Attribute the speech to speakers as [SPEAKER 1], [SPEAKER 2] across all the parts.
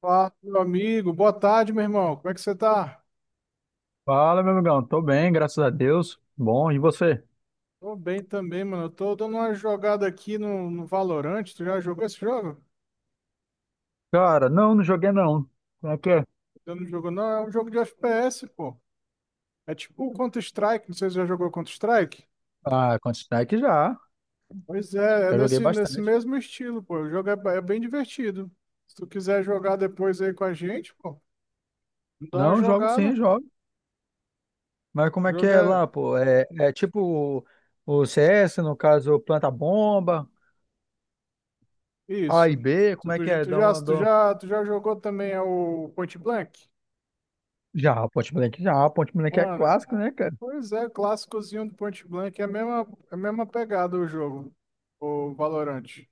[SPEAKER 1] Fala, meu amigo. Boa tarde, meu irmão. Como é que você tá?
[SPEAKER 2] Fala, meu amigão. Tô bem, graças a Deus. Bom, e você?
[SPEAKER 1] Tô bem também, mano. Eu tô dando uma jogada aqui no Valorant. Tu já jogou esse jogo?
[SPEAKER 2] Cara, não, não joguei não. Como é que é?
[SPEAKER 1] Eu não jogo, não. É um jogo de FPS, pô. É tipo o Counter-Strike. Não sei se você já jogou Counter-Strike.
[SPEAKER 2] Ah, Counter-Strike já.
[SPEAKER 1] Pois é, é
[SPEAKER 2] Já joguei
[SPEAKER 1] nesse
[SPEAKER 2] bastante.
[SPEAKER 1] mesmo estilo, pô. O jogo é bem divertido. Se tu quiser jogar depois aí com a gente, pô, dá uma
[SPEAKER 2] Não, jogo
[SPEAKER 1] jogada.
[SPEAKER 2] sim, jogo. Mas
[SPEAKER 1] O
[SPEAKER 2] como é que
[SPEAKER 1] jogo
[SPEAKER 2] é
[SPEAKER 1] é
[SPEAKER 2] lá, pô? É, é tipo o o CS, no caso, planta bomba, A
[SPEAKER 1] isso.
[SPEAKER 2] e B,
[SPEAKER 1] Tu,
[SPEAKER 2] como é que
[SPEAKER 1] tu,
[SPEAKER 2] é?
[SPEAKER 1] tu
[SPEAKER 2] Dá
[SPEAKER 1] já,
[SPEAKER 2] uma,
[SPEAKER 1] tu já, tu já jogou também é o Point Blank?
[SPEAKER 2] Já. Point Blank é
[SPEAKER 1] Mano,
[SPEAKER 2] clássico, né, cara?
[SPEAKER 1] pois é, clássicozinho do Point Blank é a mesma pegada o jogo, o Valorant.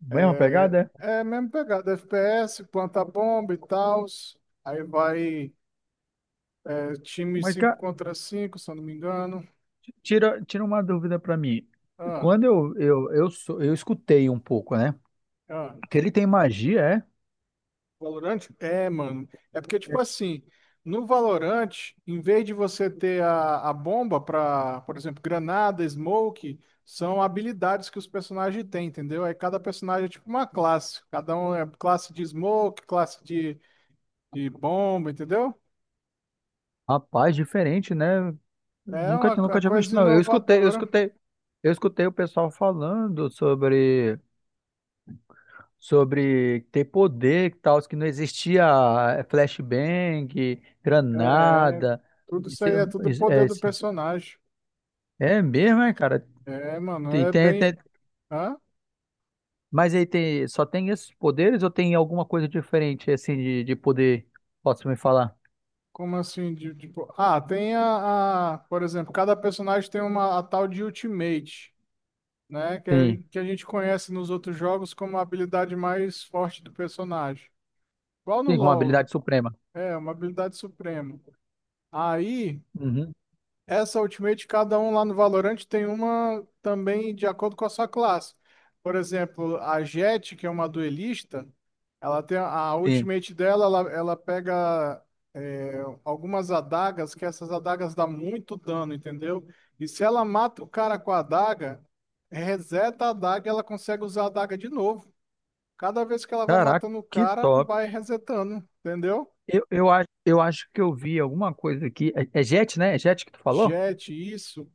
[SPEAKER 2] Mesma
[SPEAKER 1] É
[SPEAKER 2] pegada, é?
[SPEAKER 1] é a mesma pegada, FPS, planta bomba e tal. Aí vai time
[SPEAKER 2] Mas,
[SPEAKER 1] 5
[SPEAKER 2] cara,
[SPEAKER 1] contra 5, se eu não me engano.
[SPEAKER 2] tira uma dúvida pra mim.
[SPEAKER 1] Ah,
[SPEAKER 2] Quando eu escutei um pouco, né?
[SPEAKER 1] ah.
[SPEAKER 2] Que ele tem magia, é?
[SPEAKER 1] Valorante? É, mano. É porque, tipo assim, no Valorante, em vez de você ter a bomba pra, por exemplo, granada, smoke, são habilidades que os personagens têm, entendeu? Aí cada personagem é tipo uma classe. Cada um é classe de smoke, classe de bomba, entendeu?
[SPEAKER 2] Rapaz, diferente, né?
[SPEAKER 1] É
[SPEAKER 2] Nunca,
[SPEAKER 1] uma, co-
[SPEAKER 2] nunca tinha visto,
[SPEAKER 1] coisa
[SPEAKER 2] não. Eu escutei, eu
[SPEAKER 1] inovadora.
[SPEAKER 2] escutei, eu escutei o pessoal falando sobre ter poder e tal, que não existia flashbang,
[SPEAKER 1] É,
[SPEAKER 2] granada.
[SPEAKER 1] tudo isso
[SPEAKER 2] Isso é,
[SPEAKER 1] aí é tudo
[SPEAKER 2] isso é,
[SPEAKER 1] poder do
[SPEAKER 2] isso-
[SPEAKER 1] personagem.
[SPEAKER 2] é mesmo, é, cara?
[SPEAKER 1] É, mano,
[SPEAKER 2] Tem,
[SPEAKER 1] é
[SPEAKER 2] tem,
[SPEAKER 1] bem.
[SPEAKER 2] tem-
[SPEAKER 1] Hã?
[SPEAKER 2] mas aí tem, só tem esses poderes ou tem alguma coisa diferente, assim, de poder? Posso me falar?
[SPEAKER 1] Como assim? Tipo, ah, tem. Por exemplo, cada personagem tem uma a tal de Ultimate, né? Que, é-
[SPEAKER 2] Sim,
[SPEAKER 1] que a gente conhece nos outros jogos como a habilidade mais forte do personagem. Igual no
[SPEAKER 2] sim, com uma
[SPEAKER 1] LoL,
[SPEAKER 2] habilidade suprema.
[SPEAKER 1] é uma habilidade suprema. Aí.
[SPEAKER 2] Uhum,
[SPEAKER 1] Essa Ultimate, cada um lá no Valorant tem uma também de acordo com a sua classe. Por exemplo, a Jett, que é uma duelista, ela tem a
[SPEAKER 2] sim.
[SPEAKER 1] Ultimate dela, ela pega algumas adagas, que essas adagas dão muito dano, entendeu? E se ela mata o cara com a adaga, reseta a adaga e ela consegue usar a adaga de novo. Cada vez que ela vai
[SPEAKER 2] Caraca,
[SPEAKER 1] matando o
[SPEAKER 2] que
[SPEAKER 1] cara,
[SPEAKER 2] top.
[SPEAKER 1] vai resetando, entendeu?
[SPEAKER 2] Eu acho que eu vi alguma coisa aqui. É, é Jet, né? É Jet que tu falou?
[SPEAKER 1] Jet, isso,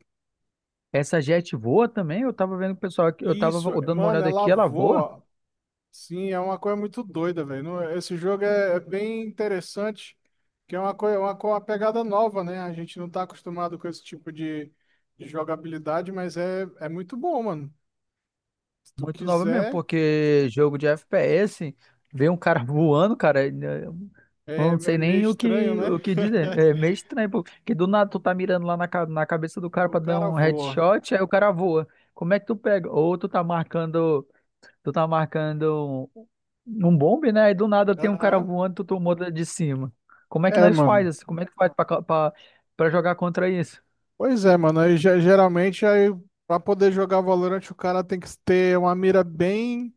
[SPEAKER 2] Essa Jet voa também? Eu tava vendo o pessoal aqui, eu tava
[SPEAKER 1] isso,
[SPEAKER 2] dando uma
[SPEAKER 1] mano,
[SPEAKER 2] olhada
[SPEAKER 1] ela
[SPEAKER 2] aqui, ela voa?
[SPEAKER 1] voa. Sim, é uma coisa muito doida, velho. Esse jogo é bem interessante, que é uma coisa, uma pegada nova, né? A gente não tá acostumado com esse tipo de jogabilidade, mas é muito bom, mano. Se tu
[SPEAKER 2] Muito nova mesmo,
[SPEAKER 1] quiser,
[SPEAKER 2] porque jogo de FPS, vê um cara voando, cara, eu
[SPEAKER 1] é,
[SPEAKER 2] não
[SPEAKER 1] é
[SPEAKER 2] sei
[SPEAKER 1] meio
[SPEAKER 2] nem o
[SPEAKER 1] estranho,
[SPEAKER 2] que,
[SPEAKER 1] né?
[SPEAKER 2] o que dizer. É meio estranho, pô, porque do nada tu tá mirando lá na, na cabeça do cara
[SPEAKER 1] O
[SPEAKER 2] pra dar
[SPEAKER 1] cara
[SPEAKER 2] um
[SPEAKER 1] voa.
[SPEAKER 2] headshot, aí o cara voa. Como é que tu pega? Ou tu tá marcando. Tu tá marcando um bombe, né? E do nada tem um cara
[SPEAKER 1] Aham.
[SPEAKER 2] voando, tu tomou de cima. Como é que
[SPEAKER 1] É,
[SPEAKER 2] nós faz
[SPEAKER 1] mano.
[SPEAKER 2] isso? Como é que faz pra, pra jogar contra isso?
[SPEAKER 1] Pois é, mano. Aí, geralmente, aí, pra poder jogar Valorant, o cara tem que ter uma mira bem.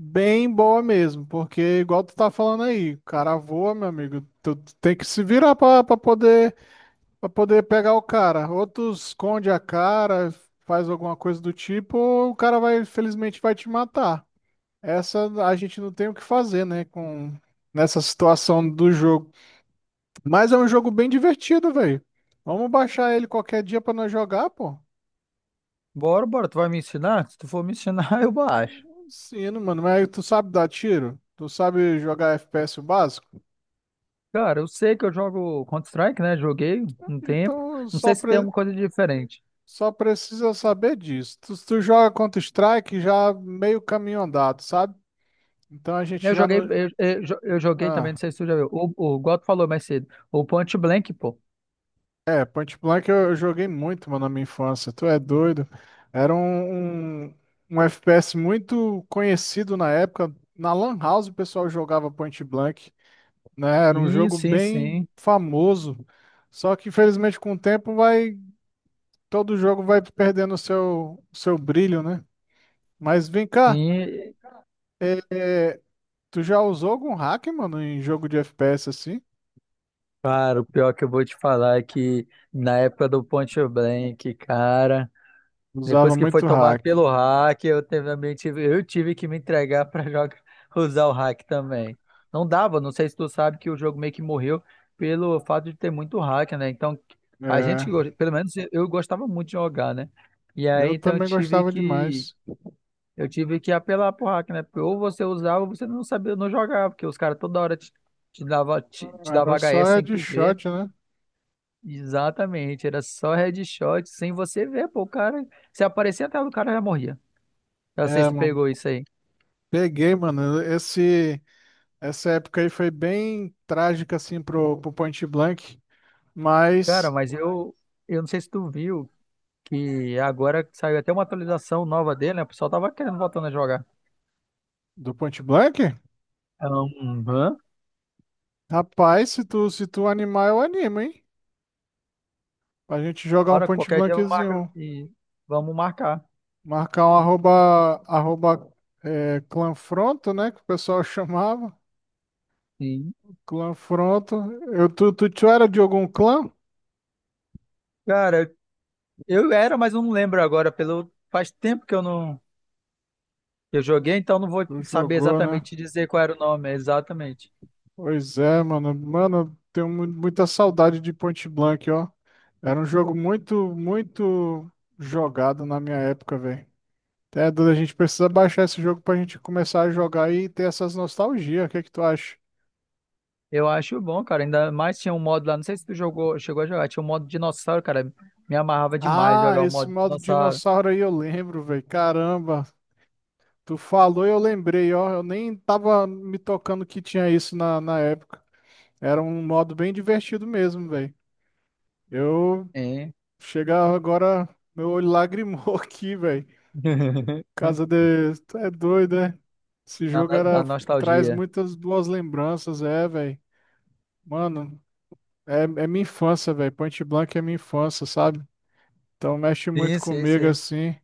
[SPEAKER 1] Bem boa mesmo, porque igual tu tá falando aí, o cara voa, meu amigo, tu tem que se virar pra poder pegar o cara. Ou tu esconde a cara, faz alguma coisa do tipo, ou o cara vai, infelizmente, vai te matar. Essa a gente não tem o que fazer, né, com nessa situação do jogo. Mas é um jogo bem divertido, velho. Vamos baixar ele qualquer dia pra nós jogar, pô.
[SPEAKER 2] Bora, bora, tu vai me ensinar? Se tu for me ensinar, eu baixo.
[SPEAKER 1] Sim, mano, mas tu sabe dar tiro? Tu sabe jogar FPS o básico?
[SPEAKER 2] Cara, eu sei que eu jogo Counter-Strike, né? Joguei um tempo.
[SPEAKER 1] Então,
[SPEAKER 2] Não
[SPEAKER 1] só
[SPEAKER 2] sei se tem
[SPEAKER 1] pre...
[SPEAKER 2] alguma coisa diferente.
[SPEAKER 1] Só precisa saber disso. Tu, se tu joga Counter-Strike já meio caminho andado, sabe? Então a gente
[SPEAKER 2] Eu
[SPEAKER 1] já
[SPEAKER 2] joguei,
[SPEAKER 1] não.
[SPEAKER 2] eu joguei também,
[SPEAKER 1] Ah,
[SPEAKER 2] não sei se tu já viu. O Goto falou mais cedo. O Point Blank, pô.
[SPEAKER 1] é, Point Blank eu joguei muito, mano, na minha infância. Tu é doido. Era um FPS muito conhecido na época. Na Lan House o pessoal jogava Point Blank, né? Era um
[SPEAKER 2] Sim,
[SPEAKER 1] jogo
[SPEAKER 2] sim,
[SPEAKER 1] bem
[SPEAKER 2] sim.
[SPEAKER 1] famoso. Só que infelizmente com o tempo vai. Todo jogo vai perdendo o seu brilho, né? Mas vem cá.
[SPEAKER 2] Sim.
[SPEAKER 1] é, é, Tu já usou algum hack, mano, em jogo de FPS assim?
[SPEAKER 2] Cara, o pior que eu vou te falar é que na época do Ponte Blank, cara,
[SPEAKER 1] Usava
[SPEAKER 2] depois que foi
[SPEAKER 1] muito
[SPEAKER 2] tomado
[SPEAKER 1] hack.
[SPEAKER 2] pelo hack, eu também tive, eu tive que me entregar pra jogar, usar o hack também. Não dava, não sei se tu sabe que o jogo meio que morreu pelo fato de ter muito hack, né? Então, a gente,
[SPEAKER 1] É,
[SPEAKER 2] pelo menos eu gostava muito de jogar, né? E aí,
[SPEAKER 1] eu
[SPEAKER 2] então, eu
[SPEAKER 1] também
[SPEAKER 2] tive
[SPEAKER 1] gostava demais.
[SPEAKER 2] eu tive que apelar pro hack, né? Porque ou você usava ou você não sabia, não jogava, porque os caras toda hora te dava, te dava
[SPEAKER 1] Era só
[SPEAKER 2] HS sem tu ver.
[SPEAKER 1] headshot, né?
[SPEAKER 2] Exatamente, era só headshot sem você ver, pô, o cara, se aparecia até o cara já morria. Eu não sei se
[SPEAKER 1] É,
[SPEAKER 2] tu
[SPEAKER 1] mano.
[SPEAKER 2] pegou isso aí.
[SPEAKER 1] Peguei, mano. Essa época aí foi bem trágica, assim, pro Point Blank.
[SPEAKER 2] Cara,
[SPEAKER 1] Mas.
[SPEAKER 2] mas eu não sei se tu viu que agora saiu até uma atualização nova dele, né? O pessoal tava querendo voltando a jogar.
[SPEAKER 1] Do Point Blank?
[SPEAKER 2] Aham.
[SPEAKER 1] Rapaz, se tu animar, eu animo, hein? Pra gente jogar um
[SPEAKER 2] Hora,
[SPEAKER 1] Point
[SPEAKER 2] qualquer dia eu marco
[SPEAKER 1] Blankzinho.
[SPEAKER 2] e vamos marcar.
[SPEAKER 1] Marcar um arroba, clanfronto, né? Que o pessoal chamava.
[SPEAKER 2] Sim.
[SPEAKER 1] Clã Fronto. Tu era de algum clã?
[SPEAKER 2] Cara, eu era, mas eu não lembro agora, pelo faz tempo que eu não eu joguei, então não vou
[SPEAKER 1] Tu
[SPEAKER 2] saber
[SPEAKER 1] jogou, né?
[SPEAKER 2] exatamente te dizer qual era o nome, exatamente.
[SPEAKER 1] Pois é, mano. Mano, tenho muita saudade de Point Blank, ó. Era um jogo muito, muito jogado na minha época, velho. É, Duda, a gente precisa baixar esse jogo pra gente começar a jogar e ter essas nostalgias. O que é que tu acha?
[SPEAKER 2] Eu acho bom, cara. Ainda mais tinha um modo lá, não sei se tu jogou, chegou a jogar, tinha um modo dinossauro, cara. Me amarrava demais
[SPEAKER 1] Ah,
[SPEAKER 2] jogar o
[SPEAKER 1] esse
[SPEAKER 2] modo
[SPEAKER 1] modo
[SPEAKER 2] dinossauro.
[SPEAKER 1] dinossauro aí eu lembro, velho. Caramba, tu falou e eu lembrei, ó. Eu nem tava me tocando que tinha isso na época. Era um modo bem divertido mesmo, velho. Eu
[SPEAKER 2] Hein?
[SPEAKER 1] chegar agora, meu olho lagrimou aqui, velho. Casa de. Tu é doido, né? Esse
[SPEAKER 2] Da,
[SPEAKER 1] jogo
[SPEAKER 2] da
[SPEAKER 1] era... traz
[SPEAKER 2] nostalgia.
[SPEAKER 1] muitas boas lembranças, é, velho. Mano, é minha infância, velho. Point Blank é minha infância, sabe? Então mexe
[SPEAKER 2] Sim,
[SPEAKER 1] muito
[SPEAKER 2] sim,
[SPEAKER 1] comigo
[SPEAKER 2] sim.
[SPEAKER 1] assim.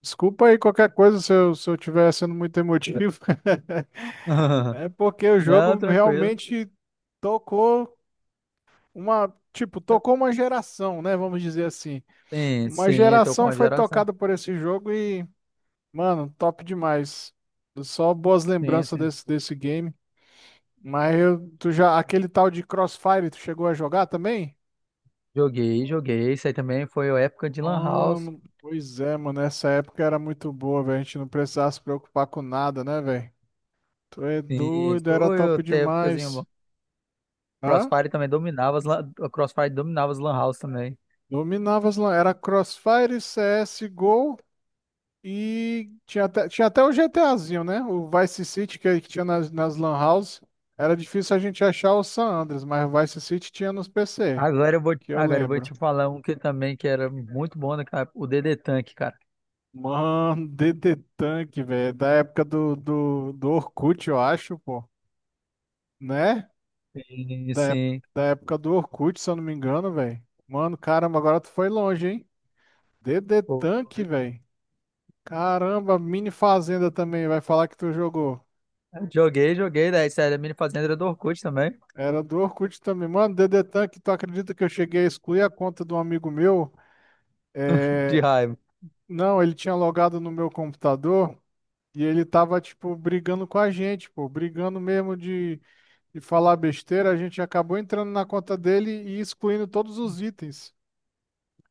[SPEAKER 1] Desculpa aí qualquer coisa se eu, tiver sendo muito emotivo. É porque o
[SPEAKER 2] Não,
[SPEAKER 1] jogo
[SPEAKER 2] tranquilo.
[SPEAKER 1] realmente tocou uma. Tipo, tocou uma geração, né? Vamos dizer assim.
[SPEAKER 2] Sim,
[SPEAKER 1] Uma
[SPEAKER 2] sim, tô com
[SPEAKER 1] geração
[SPEAKER 2] a
[SPEAKER 1] foi
[SPEAKER 2] geração.
[SPEAKER 1] tocada por esse jogo e, mano, top demais. Só boas
[SPEAKER 2] Sim,
[SPEAKER 1] lembranças
[SPEAKER 2] sim.
[SPEAKER 1] desse game. Mas aquele tal de Crossfire, tu chegou a jogar também?
[SPEAKER 2] Joguei, joguei. Isso aí também foi a época de Lan House.
[SPEAKER 1] Mano, pois é, mano, essa época era muito boa, velho. A gente não precisava se preocupar com nada, né, velho? Tu é
[SPEAKER 2] Sim,
[SPEAKER 1] doido, era
[SPEAKER 2] foi
[SPEAKER 1] top
[SPEAKER 2] até épocazinho
[SPEAKER 1] demais.
[SPEAKER 2] bom.
[SPEAKER 1] Hã?
[SPEAKER 2] Crossfire também dominava, o Crossfire dominava as Lan House também.
[SPEAKER 1] Dominava. Era Crossfire, CSGO. E tinha até o GTAzinho, né? O Vice City que tinha nas Lan House. Era difícil a gente achar o San Andreas, mas o Vice City tinha nos PC, que eu
[SPEAKER 2] Agora eu vou
[SPEAKER 1] lembro.
[SPEAKER 2] te falar um que também que era muito bom, né, cara? O DD Tank, cara.
[SPEAKER 1] Mano, DD Tank, velho. Da época do Orkut, eu acho, pô. Né?
[SPEAKER 2] Sim, sim.
[SPEAKER 1] Da época do Orkut, se eu não me engano, velho. Mano, caramba, agora tu foi longe, hein? DD
[SPEAKER 2] Pô,
[SPEAKER 1] Tank, velho. Caramba, Mini Fazenda também. Vai falar que tu jogou.
[SPEAKER 2] joguei, joguei, daí sério, a mini fazenda do Orkut também,
[SPEAKER 1] Era do Orkut também. Mano, Dedetan, que tu acredita que eu cheguei a excluir a conta de um amigo meu?
[SPEAKER 2] de
[SPEAKER 1] É,
[SPEAKER 2] raiva.
[SPEAKER 1] Não, ele tinha logado no meu computador e ele tava, tipo, brigando com a gente, pô. Brigando mesmo de falar besteira. A gente acabou entrando na conta dele e excluindo todos os itens.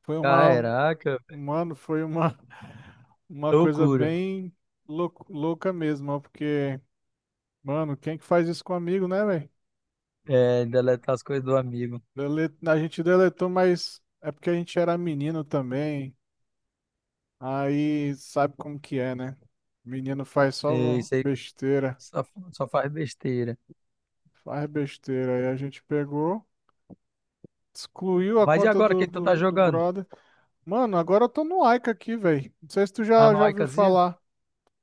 [SPEAKER 1] Foi uma...
[SPEAKER 2] Caraca,
[SPEAKER 1] Mano, foi uma... Uma coisa
[SPEAKER 2] loucura.
[SPEAKER 1] bem louca mesmo, ó, porque... Mano, quem que faz isso com amigo, né, velho?
[SPEAKER 2] É, deletar as coisas do amigo.
[SPEAKER 1] A gente deletou, mas é porque a gente era menino também. Aí sabe como que é, né? Menino faz
[SPEAKER 2] E
[SPEAKER 1] só
[SPEAKER 2] isso aí
[SPEAKER 1] besteira,
[SPEAKER 2] só, só faz besteira.
[SPEAKER 1] faz besteira. Aí a gente pegou, excluiu a
[SPEAKER 2] Mas e
[SPEAKER 1] conta
[SPEAKER 2] agora, quem
[SPEAKER 1] do,
[SPEAKER 2] tu tá
[SPEAKER 1] do, do
[SPEAKER 2] jogando?
[SPEAKER 1] brother. Mano, agora eu tô no Aika aqui, velho. Não sei se tu já ouviu
[SPEAKER 2] Anoaikazinha?
[SPEAKER 1] falar.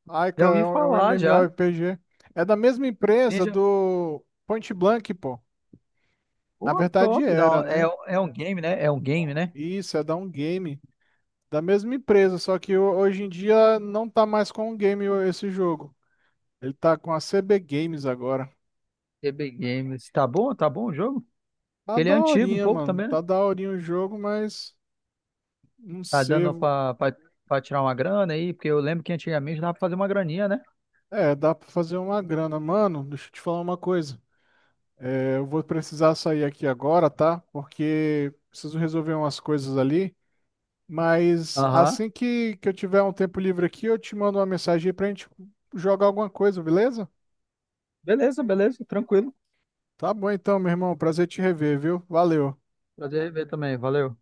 [SPEAKER 1] Aika
[SPEAKER 2] Já ouvi
[SPEAKER 1] é um
[SPEAKER 2] falar, já.
[SPEAKER 1] MMORPG. É da mesma empresa
[SPEAKER 2] Ninja,
[SPEAKER 1] do Point Blank, pô. Na
[SPEAKER 2] pô,
[SPEAKER 1] verdade
[SPEAKER 2] top.
[SPEAKER 1] era,
[SPEAKER 2] É,
[SPEAKER 1] né?
[SPEAKER 2] é um game, né? É um game, né?
[SPEAKER 1] Isso, é da um game. Da mesma empresa, só que hoje em dia não tá mais com o game esse jogo. Ele tá com a CB Games agora.
[SPEAKER 2] TB Games. Tá bom? Tá bom o jogo?
[SPEAKER 1] Tá
[SPEAKER 2] Porque ele é antigo um
[SPEAKER 1] daorinha,
[SPEAKER 2] pouco
[SPEAKER 1] mano.
[SPEAKER 2] também,
[SPEAKER 1] Tá
[SPEAKER 2] né?
[SPEAKER 1] daorinha o jogo, mas não
[SPEAKER 2] Tá
[SPEAKER 1] sei.
[SPEAKER 2] dando pra, pra, pra tirar uma grana aí? Porque eu lembro que antigamente dava pra fazer uma graninha, né?
[SPEAKER 1] É, dá pra fazer uma grana. Mano, deixa eu te falar uma coisa. Eu vou precisar sair aqui agora, tá? Porque preciso resolver umas coisas ali. Mas
[SPEAKER 2] Aham.
[SPEAKER 1] assim que eu tiver um tempo livre aqui, eu te mando uma mensagem aí pra gente jogar alguma coisa, beleza?
[SPEAKER 2] Beleza, beleza, tranquilo.
[SPEAKER 1] Tá bom então, meu irmão. Prazer te rever, viu? Valeu.
[SPEAKER 2] Prazer em ver também, valeu.